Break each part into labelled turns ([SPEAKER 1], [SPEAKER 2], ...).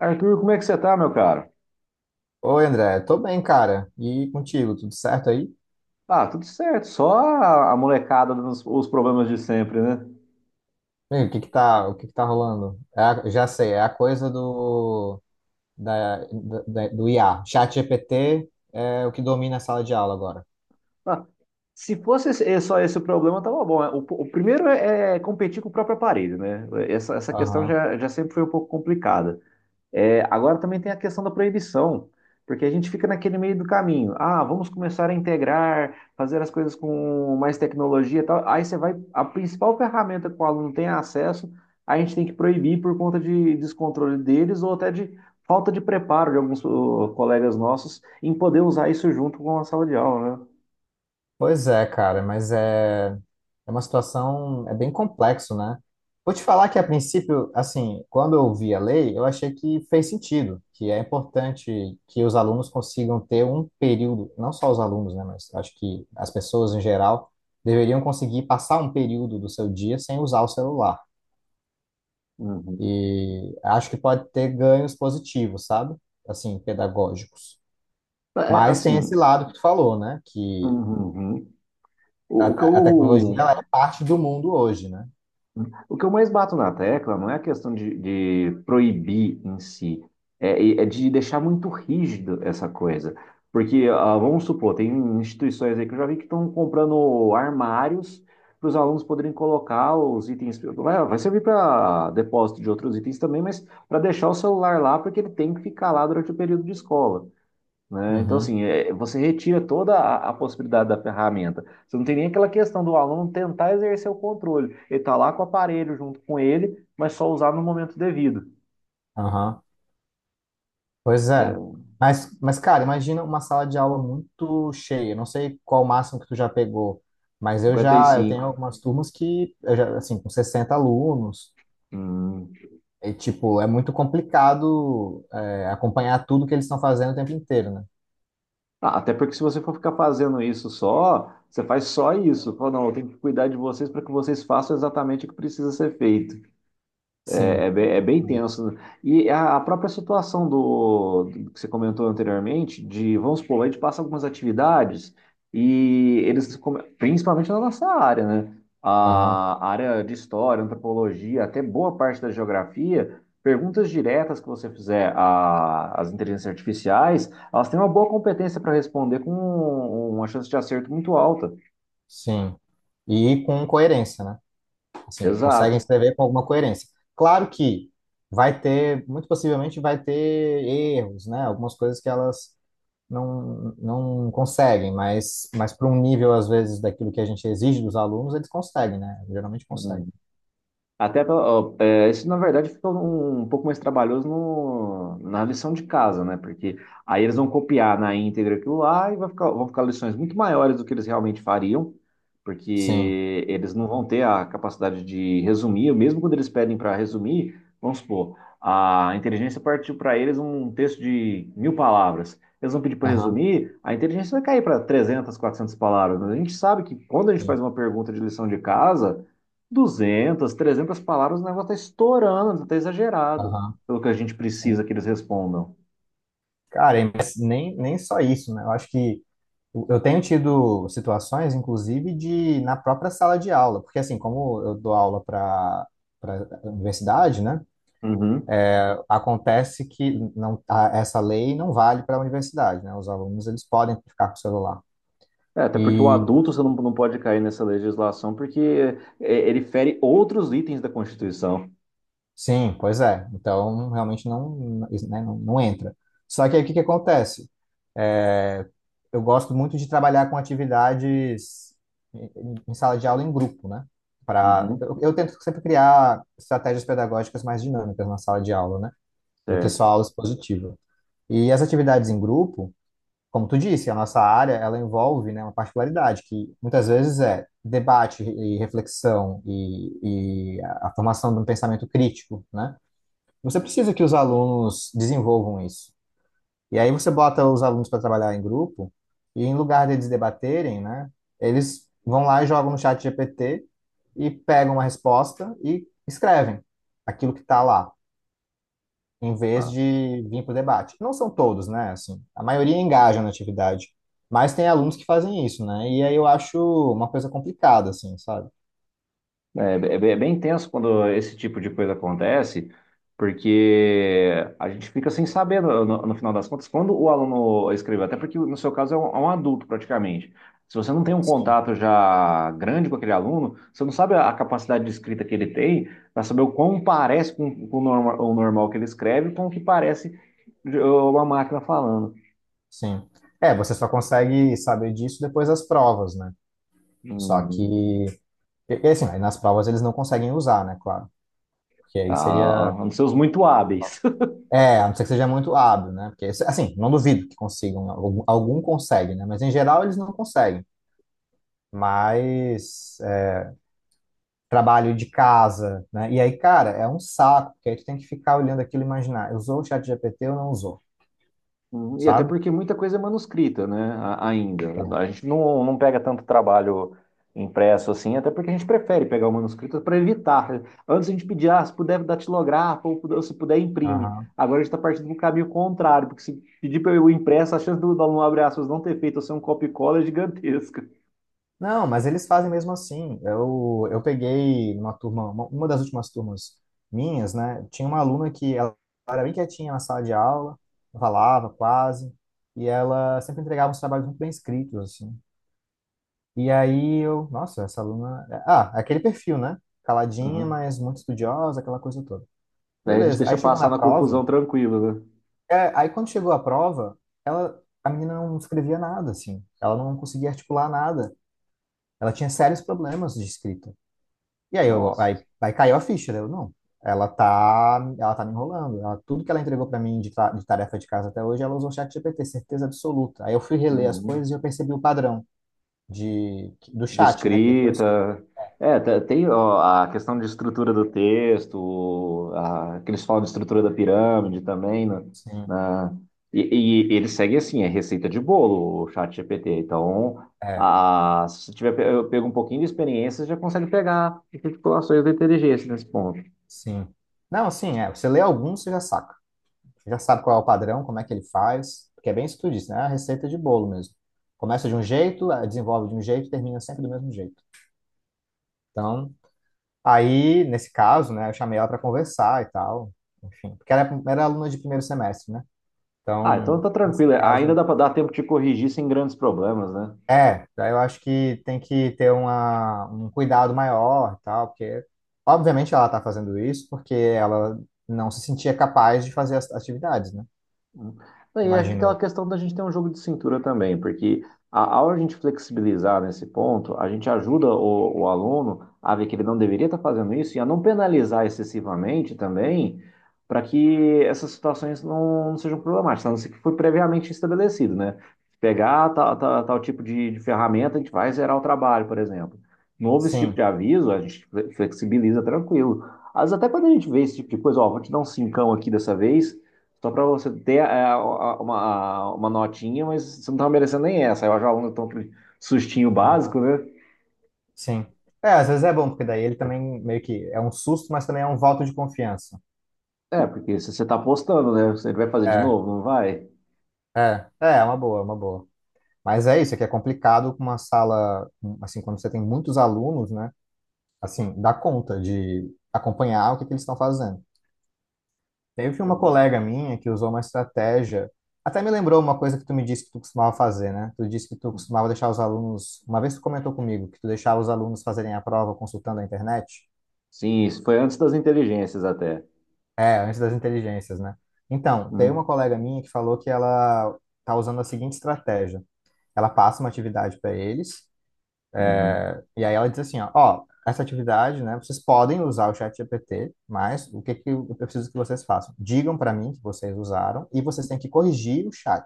[SPEAKER 1] Arthur, como é que você tá, meu caro?
[SPEAKER 2] Oi, André, tô bem, cara. E contigo, tudo certo aí?
[SPEAKER 1] Ah, tudo certo, só a molecada nos, os problemas de sempre, né?
[SPEAKER 2] Bem, o que que tá rolando? Já sei, é a coisa do do IA. Chat GPT é o que domina a sala de aula agora.
[SPEAKER 1] Ah, se fosse só esse o problema, tava bom, né? O primeiro é competir com o próprio aparelho, né? Essa questão
[SPEAKER 2] Aham.
[SPEAKER 1] já sempre foi um pouco complicada. É, agora também tem a questão da proibição, porque a gente fica naquele meio do caminho. Ah, vamos começar a integrar, fazer as coisas com mais tecnologia e tal. Aí você vai, a principal ferramenta que o aluno tem acesso, a gente tem que proibir por conta de descontrole deles ou até de falta de preparo de alguns colegas nossos em poder usar isso junto com a sala de aula, né?
[SPEAKER 2] Pois é, cara, mas é uma situação, é bem complexo, né? Vou te falar que, a princípio, assim, quando eu vi a lei, eu achei que fez sentido, que é importante que os alunos consigam ter um período, não só os alunos, né, mas acho que as pessoas em geral deveriam conseguir passar um período do seu dia sem usar o celular.
[SPEAKER 1] Uhum.
[SPEAKER 2] E acho que pode ter ganhos positivos, sabe? Assim, pedagógicos.
[SPEAKER 1] É,
[SPEAKER 2] Mas tem esse
[SPEAKER 1] assim,
[SPEAKER 2] lado que tu falou, né? Que
[SPEAKER 1] uhum, uhum.
[SPEAKER 2] A,
[SPEAKER 1] O, o que
[SPEAKER 2] a tecnologia ela
[SPEAKER 1] eu
[SPEAKER 2] é parte do mundo hoje, né?
[SPEAKER 1] O que eu mais bato na tecla não é a questão de proibir em si, é de deixar muito rígido essa coisa. Porque, ah, vamos supor, tem instituições aí que eu já vi que estão comprando armários para os alunos poderem colocar os itens. Vai servir para depósito de outros itens também, mas para deixar o celular lá, porque ele tem que ficar lá durante o período de escola, né? Então,
[SPEAKER 2] Uhum,
[SPEAKER 1] assim, é, você retira toda a possibilidade da ferramenta. Você não tem nem aquela questão do aluno tentar exercer o controle. Ele está lá com o aparelho junto com ele, mas só usar no momento devido.
[SPEAKER 2] aham. Pois
[SPEAKER 1] É,
[SPEAKER 2] é. Mas, cara, imagina uma sala de aula muito cheia. Não sei qual o máximo que tu já pegou, mas eu tenho
[SPEAKER 1] 55.
[SPEAKER 2] algumas turmas que, eu já, assim, com 60 alunos,
[SPEAKER 1] Hum.
[SPEAKER 2] e, tipo, é muito complicado, acompanhar tudo que eles estão fazendo o tempo inteiro, né?
[SPEAKER 1] Ah, até porque se você for ficar fazendo isso só, você faz só isso. Fala, não, eu tenho que cuidar de vocês para que vocês façam exatamente o que precisa ser feito. É, é
[SPEAKER 2] Sim,
[SPEAKER 1] bem, é bem tenso. E a própria situação do que você comentou anteriormente, de, vamos supor, a gente passa algumas atividades e principalmente na nossa área, né?
[SPEAKER 2] aham,
[SPEAKER 1] A área de história, antropologia, até boa parte da geografia, perguntas diretas que você fizer às inteligências artificiais, elas têm uma boa competência para responder com uma chance de acerto muito alta.
[SPEAKER 2] sim. E com coerência, né? Assim, conseguem
[SPEAKER 1] Exato.
[SPEAKER 2] escrever com alguma coerência. Claro que vai ter, muito possivelmente vai ter erros, né? Algumas coisas que elas não conseguem, mas, para um nível, às vezes, daquilo que a gente exige dos alunos, eles conseguem, né? Geralmente conseguem.
[SPEAKER 1] Uhum. Até, ó, é, isso na verdade fica um pouco mais trabalhoso no, na lição de casa, né? Porque aí eles vão copiar na íntegra aquilo lá e vai ficar lições muito maiores do que eles realmente fariam,
[SPEAKER 2] Sim,
[SPEAKER 1] porque eles não vão ter a capacidade de resumir, mesmo quando eles pedem para resumir, vamos supor, a inteligência partiu para eles um texto de 1000 palavras. Eles vão pedir para
[SPEAKER 2] aham,
[SPEAKER 1] resumir, a inteligência vai cair para 300, 400 palavras. Mas a gente sabe que quando a gente faz
[SPEAKER 2] sim,
[SPEAKER 1] uma pergunta de lição de casa 200, 300 palavras, o negócio tá estourando, tá exagerado
[SPEAKER 2] aham,
[SPEAKER 1] pelo que a gente precisa
[SPEAKER 2] sim.
[SPEAKER 1] que eles respondam.
[SPEAKER 2] Cara, mas nem só isso, né? Eu acho que eu tenho tido situações, inclusive, de na própria sala de aula, porque assim, como eu dou aula para universidade, né?
[SPEAKER 1] Uhum.
[SPEAKER 2] Acontece que não, essa lei não vale para a universidade, né? Os alunos eles podem ficar com o celular.
[SPEAKER 1] É, até porque o
[SPEAKER 2] E
[SPEAKER 1] adulto você não pode cair nessa legislação, porque é, ele fere outros itens da Constituição.
[SPEAKER 2] sim, pois é. Então realmente não, isso, né, não entra. Só que aí o que que acontece? É, eu gosto muito de trabalhar com atividades em em sala de aula em grupo, né? Pra,
[SPEAKER 1] Uhum,
[SPEAKER 2] eu, eu tento sempre criar estratégias pedagógicas mais dinâmicas na sala de aula, né? Do que
[SPEAKER 1] certo.
[SPEAKER 2] só aula expositiva. E as atividades em grupo como tu disse, a nossa área, ela envolve, né, uma particularidade que muitas vezes é debate e reflexão e a formação de um pensamento crítico, né? Você precisa que os alunos desenvolvam isso. E aí você bota os alunos para trabalhar em grupo e em lugar deles debaterem, né, eles vão lá e jogam no chat GPT e pegam uma resposta e escrevem aquilo que está lá em vez
[SPEAKER 1] Ah,
[SPEAKER 2] de vir para o debate. Não são todos, né? Assim, a maioria engaja na atividade, mas tem alunos que fazem isso, né? E aí eu acho uma coisa complicada, assim, sabe?
[SPEAKER 1] é bem tenso quando esse tipo de coisa acontece, porque a gente fica sem saber, no final das contas, quando o aluno escreveu, até porque no seu caso é é um adulto praticamente. Se você não tem um
[SPEAKER 2] Sim,
[SPEAKER 1] contato já grande com aquele aluno, você não sabe a capacidade de escrita que ele tem para saber o quão parece com o, o normal que ele escreve, com o que parece uma máquina falando.
[SPEAKER 2] sim. É, você só consegue saber disso depois das provas, né? Só
[SPEAKER 1] Hum,
[SPEAKER 2] que, e, assim, aí nas provas eles não conseguem usar, né? Claro. Porque aí
[SPEAKER 1] ah,
[SPEAKER 2] seria.
[SPEAKER 1] são muito hábeis.
[SPEAKER 2] É, a não ser que seja muito hábil, né? Porque, assim, não duvido que consigam. Algum consegue, né? Mas em geral eles não conseguem. Mas. Trabalho de casa, né? E aí, cara, é um saco, porque aí tu tem que ficar olhando aquilo e imaginar, usou o chat GPT ou não usou,
[SPEAKER 1] Uhum. E até
[SPEAKER 2] sabe?
[SPEAKER 1] porque muita coisa é manuscrita, né? Ainda.
[SPEAKER 2] É,
[SPEAKER 1] A gente não pega tanto trabalho impresso assim, até porque a gente prefere pegar o manuscrito para evitar. Antes a gente pedia, ah, se puder datilografa ou se puder imprime.
[SPEAKER 2] aham.
[SPEAKER 1] Agora a gente está partindo do caminho contrário, porque se pedir para o impresso, a chance do aluno abre aspas não ter feito ou ser um copia e cola é gigantesca.
[SPEAKER 2] Não, mas eles fazem mesmo assim. Eu peguei numa turma, uma das últimas turmas minhas, né? Tinha uma aluna que ela era bem quietinha na sala de aula, não falava quase, e ela sempre entregava uns trabalhos muito bem escritos, assim. E aí eu, nossa, essa aluna. Ah, aquele perfil, né? Caladinha,
[SPEAKER 1] Uhum.
[SPEAKER 2] mas muito estudiosa, aquela coisa toda.
[SPEAKER 1] Aí a gente
[SPEAKER 2] Beleza.
[SPEAKER 1] deixa
[SPEAKER 2] Aí chegou
[SPEAKER 1] passar
[SPEAKER 2] na
[SPEAKER 1] na
[SPEAKER 2] prova,
[SPEAKER 1] confusão tranquila, né?
[SPEAKER 2] é, aí quando chegou a prova, ela, a menina não escrevia nada, assim. Ela não conseguia articular nada. Ela tinha sérios problemas de escrita. E aí, eu,
[SPEAKER 1] Nossa.
[SPEAKER 2] aí, aí caiu a ficha, né? Eu, não. Ela tá me enrolando. Ela, tudo que ela entregou para mim de tarefa de casa até hoje, ela usou o chat GPT, certeza absoluta. Aí eu fui reler as
[SPEAKER 1] Uhum.
[SPEAKER 2] coisas e eu percebi o padrão de, do
[SPEAKER 1] De
[SPEAKER 2] chat, né? Que depois...
[SPEAKER 1] escrita. É, tem ó, a questão de estrutura do texto, a, que eles falam de estrutura da pirâmide também, né?
[SPEAKER 2] Sim,
[SPEAKER 1] Na- e, e ele segue assim, é receita de bolo, o chat GPT. Então,
[SPEAKER 2] é,
[SPEAKER 1] a, se você tiver, eu pego um pouquinho de experiência, você já consegue pegar articulações da inteligência nesse ponto.
[SPEAKER 2] sim. Não, sim, é. Você lê alguns, você já saca. Já sabe qual é o padrão, como é que ele faz, porque é bem isso que tu disse, né? É a receita de bolo mesmo. Começa de um jeito, desenvolve de um jeito, termina sempre do mesmo jeito. Então, aí, nesse caso, né, eu chamei ela para conversar e tal, enfim, porque ela era aluna de primeiro semestre, né?
[SPEAKER 1] Ah, então
[SPEAKER 2] Então,
[SPEAKER 1] tá
[SPEAKER 2] nesse
[SPEAKER 1] tranquilo. Ainda
[SPEAKER 2] caso,
[SPEAKER 1] dá para dar tempo de corrigir sem grandes problemas, né?
[SPEAKER 2] é, daí eu acho que tem que ter uma, um cuidado maior e tal, porque, obviamente, ela tá fazendo isso porque ela não se sentia capaz de fazer as atividades, né?
[SPEAKER 1] Hum. E é
[SPEAKER 2] Imagino
[SPEAKER 1] aquela
[SPEAKER 2] eu.
[SPEAKER 1] questão da gente ter um jogo de cintura também, porque ao a gente flexibilizar nesse ponto, a gente ajuda o aluno a ver que ele não deveria estar fazendo isso e a não penalizar excessivamente também, para que essas situações não sejam problemáticas, a não ser que foi previamente estabelecido, né? Pegar tal, tal, tal tipo de ferramenta, a gente vai zerar o trabalho, por exemplo. Não houve esse tipo
[SPEAKER 2] Sim.
[SPEAKER 1] de aviso, a gente flexibiliza tranquilo. Às vezes até quando a gente vê esse tipo de coisa, ó, vou te dar um cincão aqui dessa vez só para você ter é, uma notinha, mas você não estava merecendo nem essa. Aí eu acho que o aluno tão aquele sustinho básico, né?
[SPEAKER 2] Sim. É, às vezes é bom, porque daí ele também meio que é um susto, mas também é um voto de confiança.
[SPEAKER 1] É, porque se você está apostando, né? Você vai fazer de
[SPEAKER 2] É,
[SPEAKER 1] novo, não vai?
[SPEAKER 2] é, é uma boa, é uma boa. Mas é isso, é que é complicado com uma sala, assim, quando você tem muitos alunos, né? Assim, dá conta de acompanhar o que que eles estão fazendo. Teve
[SPEAKER 1] É,
[SPEAKER 2] uma colega minha que usou uma estratégia, até me lembrou uma coisa que tu me disse que tu costumava fazer, né? Tu disse que tu costumava deixar os alunos, uma vez tu comentou comigo que tu deixava os alunos fazerem a prova consultando a internet.
[SPEAKER 1] sim, isso foi antes das inteligências até.
[SPEAKER 2] É, antes das inteligências, né? Então, tem
[SPEAKER 1] Hum,
[SPEAKER 2] uma colega minha que falou que ela tá usando a seguinte estratégia. Ela passa uma atividade para eles,
[SPEAKER 1] uhum.
[SPEAKER 2] e aí ela diz assim, ó, ó, essa atividade, né, vocês podem usar o chat GPT, mas o que que eu preciso que vocês façam? Digam para mim que vocês usaram e vocês têm que corrigir o chat.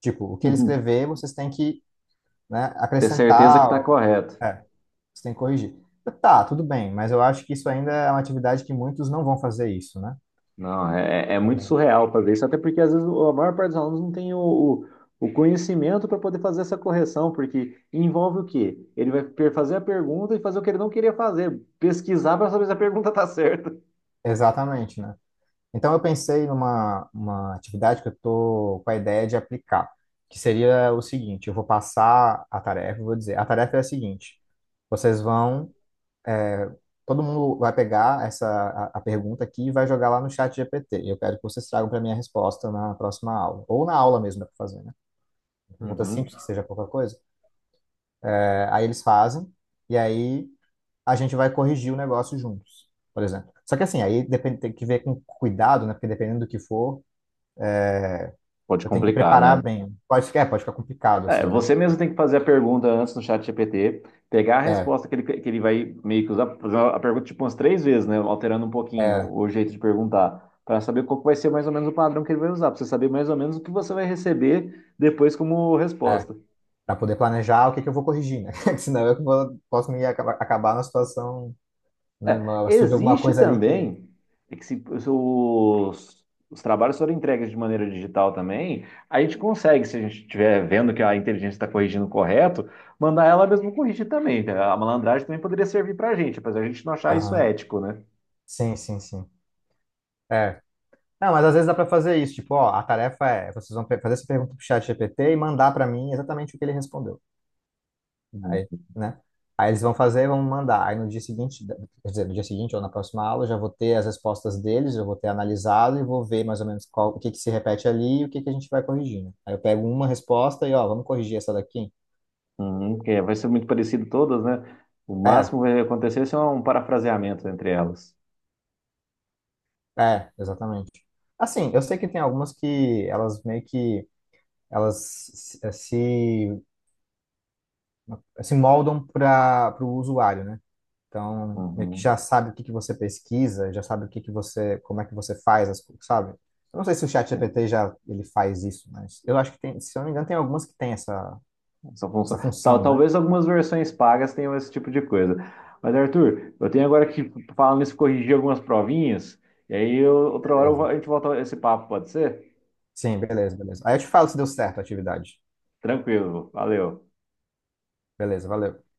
[SPEAKER 2] Tipo, o que ele escrever, vocês têm que, né,
[SPEAKER 1] Ter certeza que
[SPEAKER 2] acrescentar,
[SPEAKER 1] está correto.
[SPEAKER 2] é, vocês têm que corrigir. Tá, tudo bem, mas eu acho que isso ainda é uma atividade que muitos não vão fazer isso, né?
[SPEAKER 1] Não, é, é muito surreal para ver isso, até porque às vezes a maior parte dos alunos não tem o conhecimento para poder fazer essa correção, porque envolve o quê? Ele vai fazer a pergunta e fazer o que ele não queria fazer, pesquisar para saber se a pergunta está certa.
[SPEAKER 2] Exatamente, né? Então, eu pensei numa uma atividade que eu estou com a ideia de aplicar, que seria o seguinte: eu vou passar a tarefa, eu vou dizer, a tarefa é a seguinte: vocês vão, todo mundo vai pegar essa a pergunta aqui e vai jogar lá no chat GPT. Eu quero que vocês tragam para mim a resposta na próxima aula, ou na aula mesmo dá para fazer, né? Pergunta
[SPEAKER 1] Uhum.
[SPEAKER 2] simples que seja pouca coisa. É, aí eles fazem e aí a gente vai corrigir o negócio juntos, por exemplo. Só que assim, aí depende, tem que ver com cuidado, né? Porque dependendo do que for,
[SPEAKER 1] Pode
[SPEAKER 2] eu tenho que
[SPEAKER 1] complicar,
[SPEAKER 2] preparar
[SPEAKER 1] né?
[SPEAKER 2] bem. Pode ficar, é, pode ficar complicado,
[SPEAKER 1] É,
[SPEAKER 2] assim, né?
[SPEAKER 1] você mesmo tem que fazer a pergunta antes no chat GPT, pegar a
[SPEAKER 2] É,
[SPEAKER 1] resposta que ele vai meio que usar, fazer a pergunta tipo umas 3 vezes, né? Alterando um pouquinho
[SPEAKER 2] é,
[SPEAKER 1] o jeito de perguntar, para saber qual que vai ser mais ou menos o padrão que ele vai usar, para você saber mais ou menos o que você vai receber depois como resposta.
[SPEAKER 2] Para poder planejar o que que eu vou corrigir, né? Senão eu posso me acabar na situação, né?
[SPEAKER 1] É,
[SPEAKER 2] Surge alguma
[SPEAKER 1] existe
[SPEAKER 2] coisa ali que.
[SPEAKER 1] também é que se os, os trabalhos forem entregues de maneira digital também, a gente consegue, se a gente estiver vendo que a inteligência está corrigindo correto, mandar ela mesmo corrigir também, tá? A malandragem também poderia servir para a gente, apesar de a gente não achar isso
[SPEAKER 2] Aham.
[SPEAKER 1] ético, né?
[SPEAKER 2] Sim, sim, sim. É. Não, mas às vezes dá para fazer isso. Tipo, ó, a tarefa é, vocês vão fazer essa pergunta pro chat GPT e mandar para mim exatamente o que ele respondeu.
[SPEAKER 1] Uhum.
[SPEAKER 2] Aí, né? Aí eles vão fazer, vão mandar. Aí no dia seguinte, quer dizer, no dia seguinte ou na próxima aula, eu já vou ter as respostas deles, eu vou ter analisado e vou ver mais ou menos qual, o que que se repete ali e o que que a gente vai corrigindo. Aí eu pego uma resposta e, ó, vamos corrigir essa daqui.
[SPEAKER 1] Uhum, que é, vai ser muito parecido todas, né? O
[SPEAKER 2] É,
[SPEAKER 1] máximo que vai acontecer é um parafraseamento entre elas.
[SPEAKER 2] é, exatamente. Assim, eu sei que tem algumas que elas meio que elas se, se moldam para o usuário, né? Então, meio que já
[SPEAKER 1] Uhum.
[SPEAKER 2] sabe o que que você pesquisa, já sabe o que que você, como é que você faz as coisas, sabe? Eu não sei se o chat GPT já ele faz isso, mas eu acho que tem, se eu não me engano, tem algumas que tem essa,
[SPEAKER 1] Essa função.
[SPEAKER 2] essa
[SPEAKER 1] Tal,
[SPEAKER 2] função, né?
[SPEAKER 1] talvez algumas versões pagas tenham esse tipo de coisa. Mas, Arthur, eu tenho agora que, falando nisso, corrigir algumas provinhas. E aí, outra hora,
[SPEAKER 2] Beleza.
[SPEAKER 1] a gente volta a esse papo, pode ser?
[SPEAKER 2] Sim, beleza, beleza. Aí eu te falo se deu certo a atividade.
[SPEAKER 1] Tranquilo, valeu.
[SPEAKER 2] Beleza, valeu.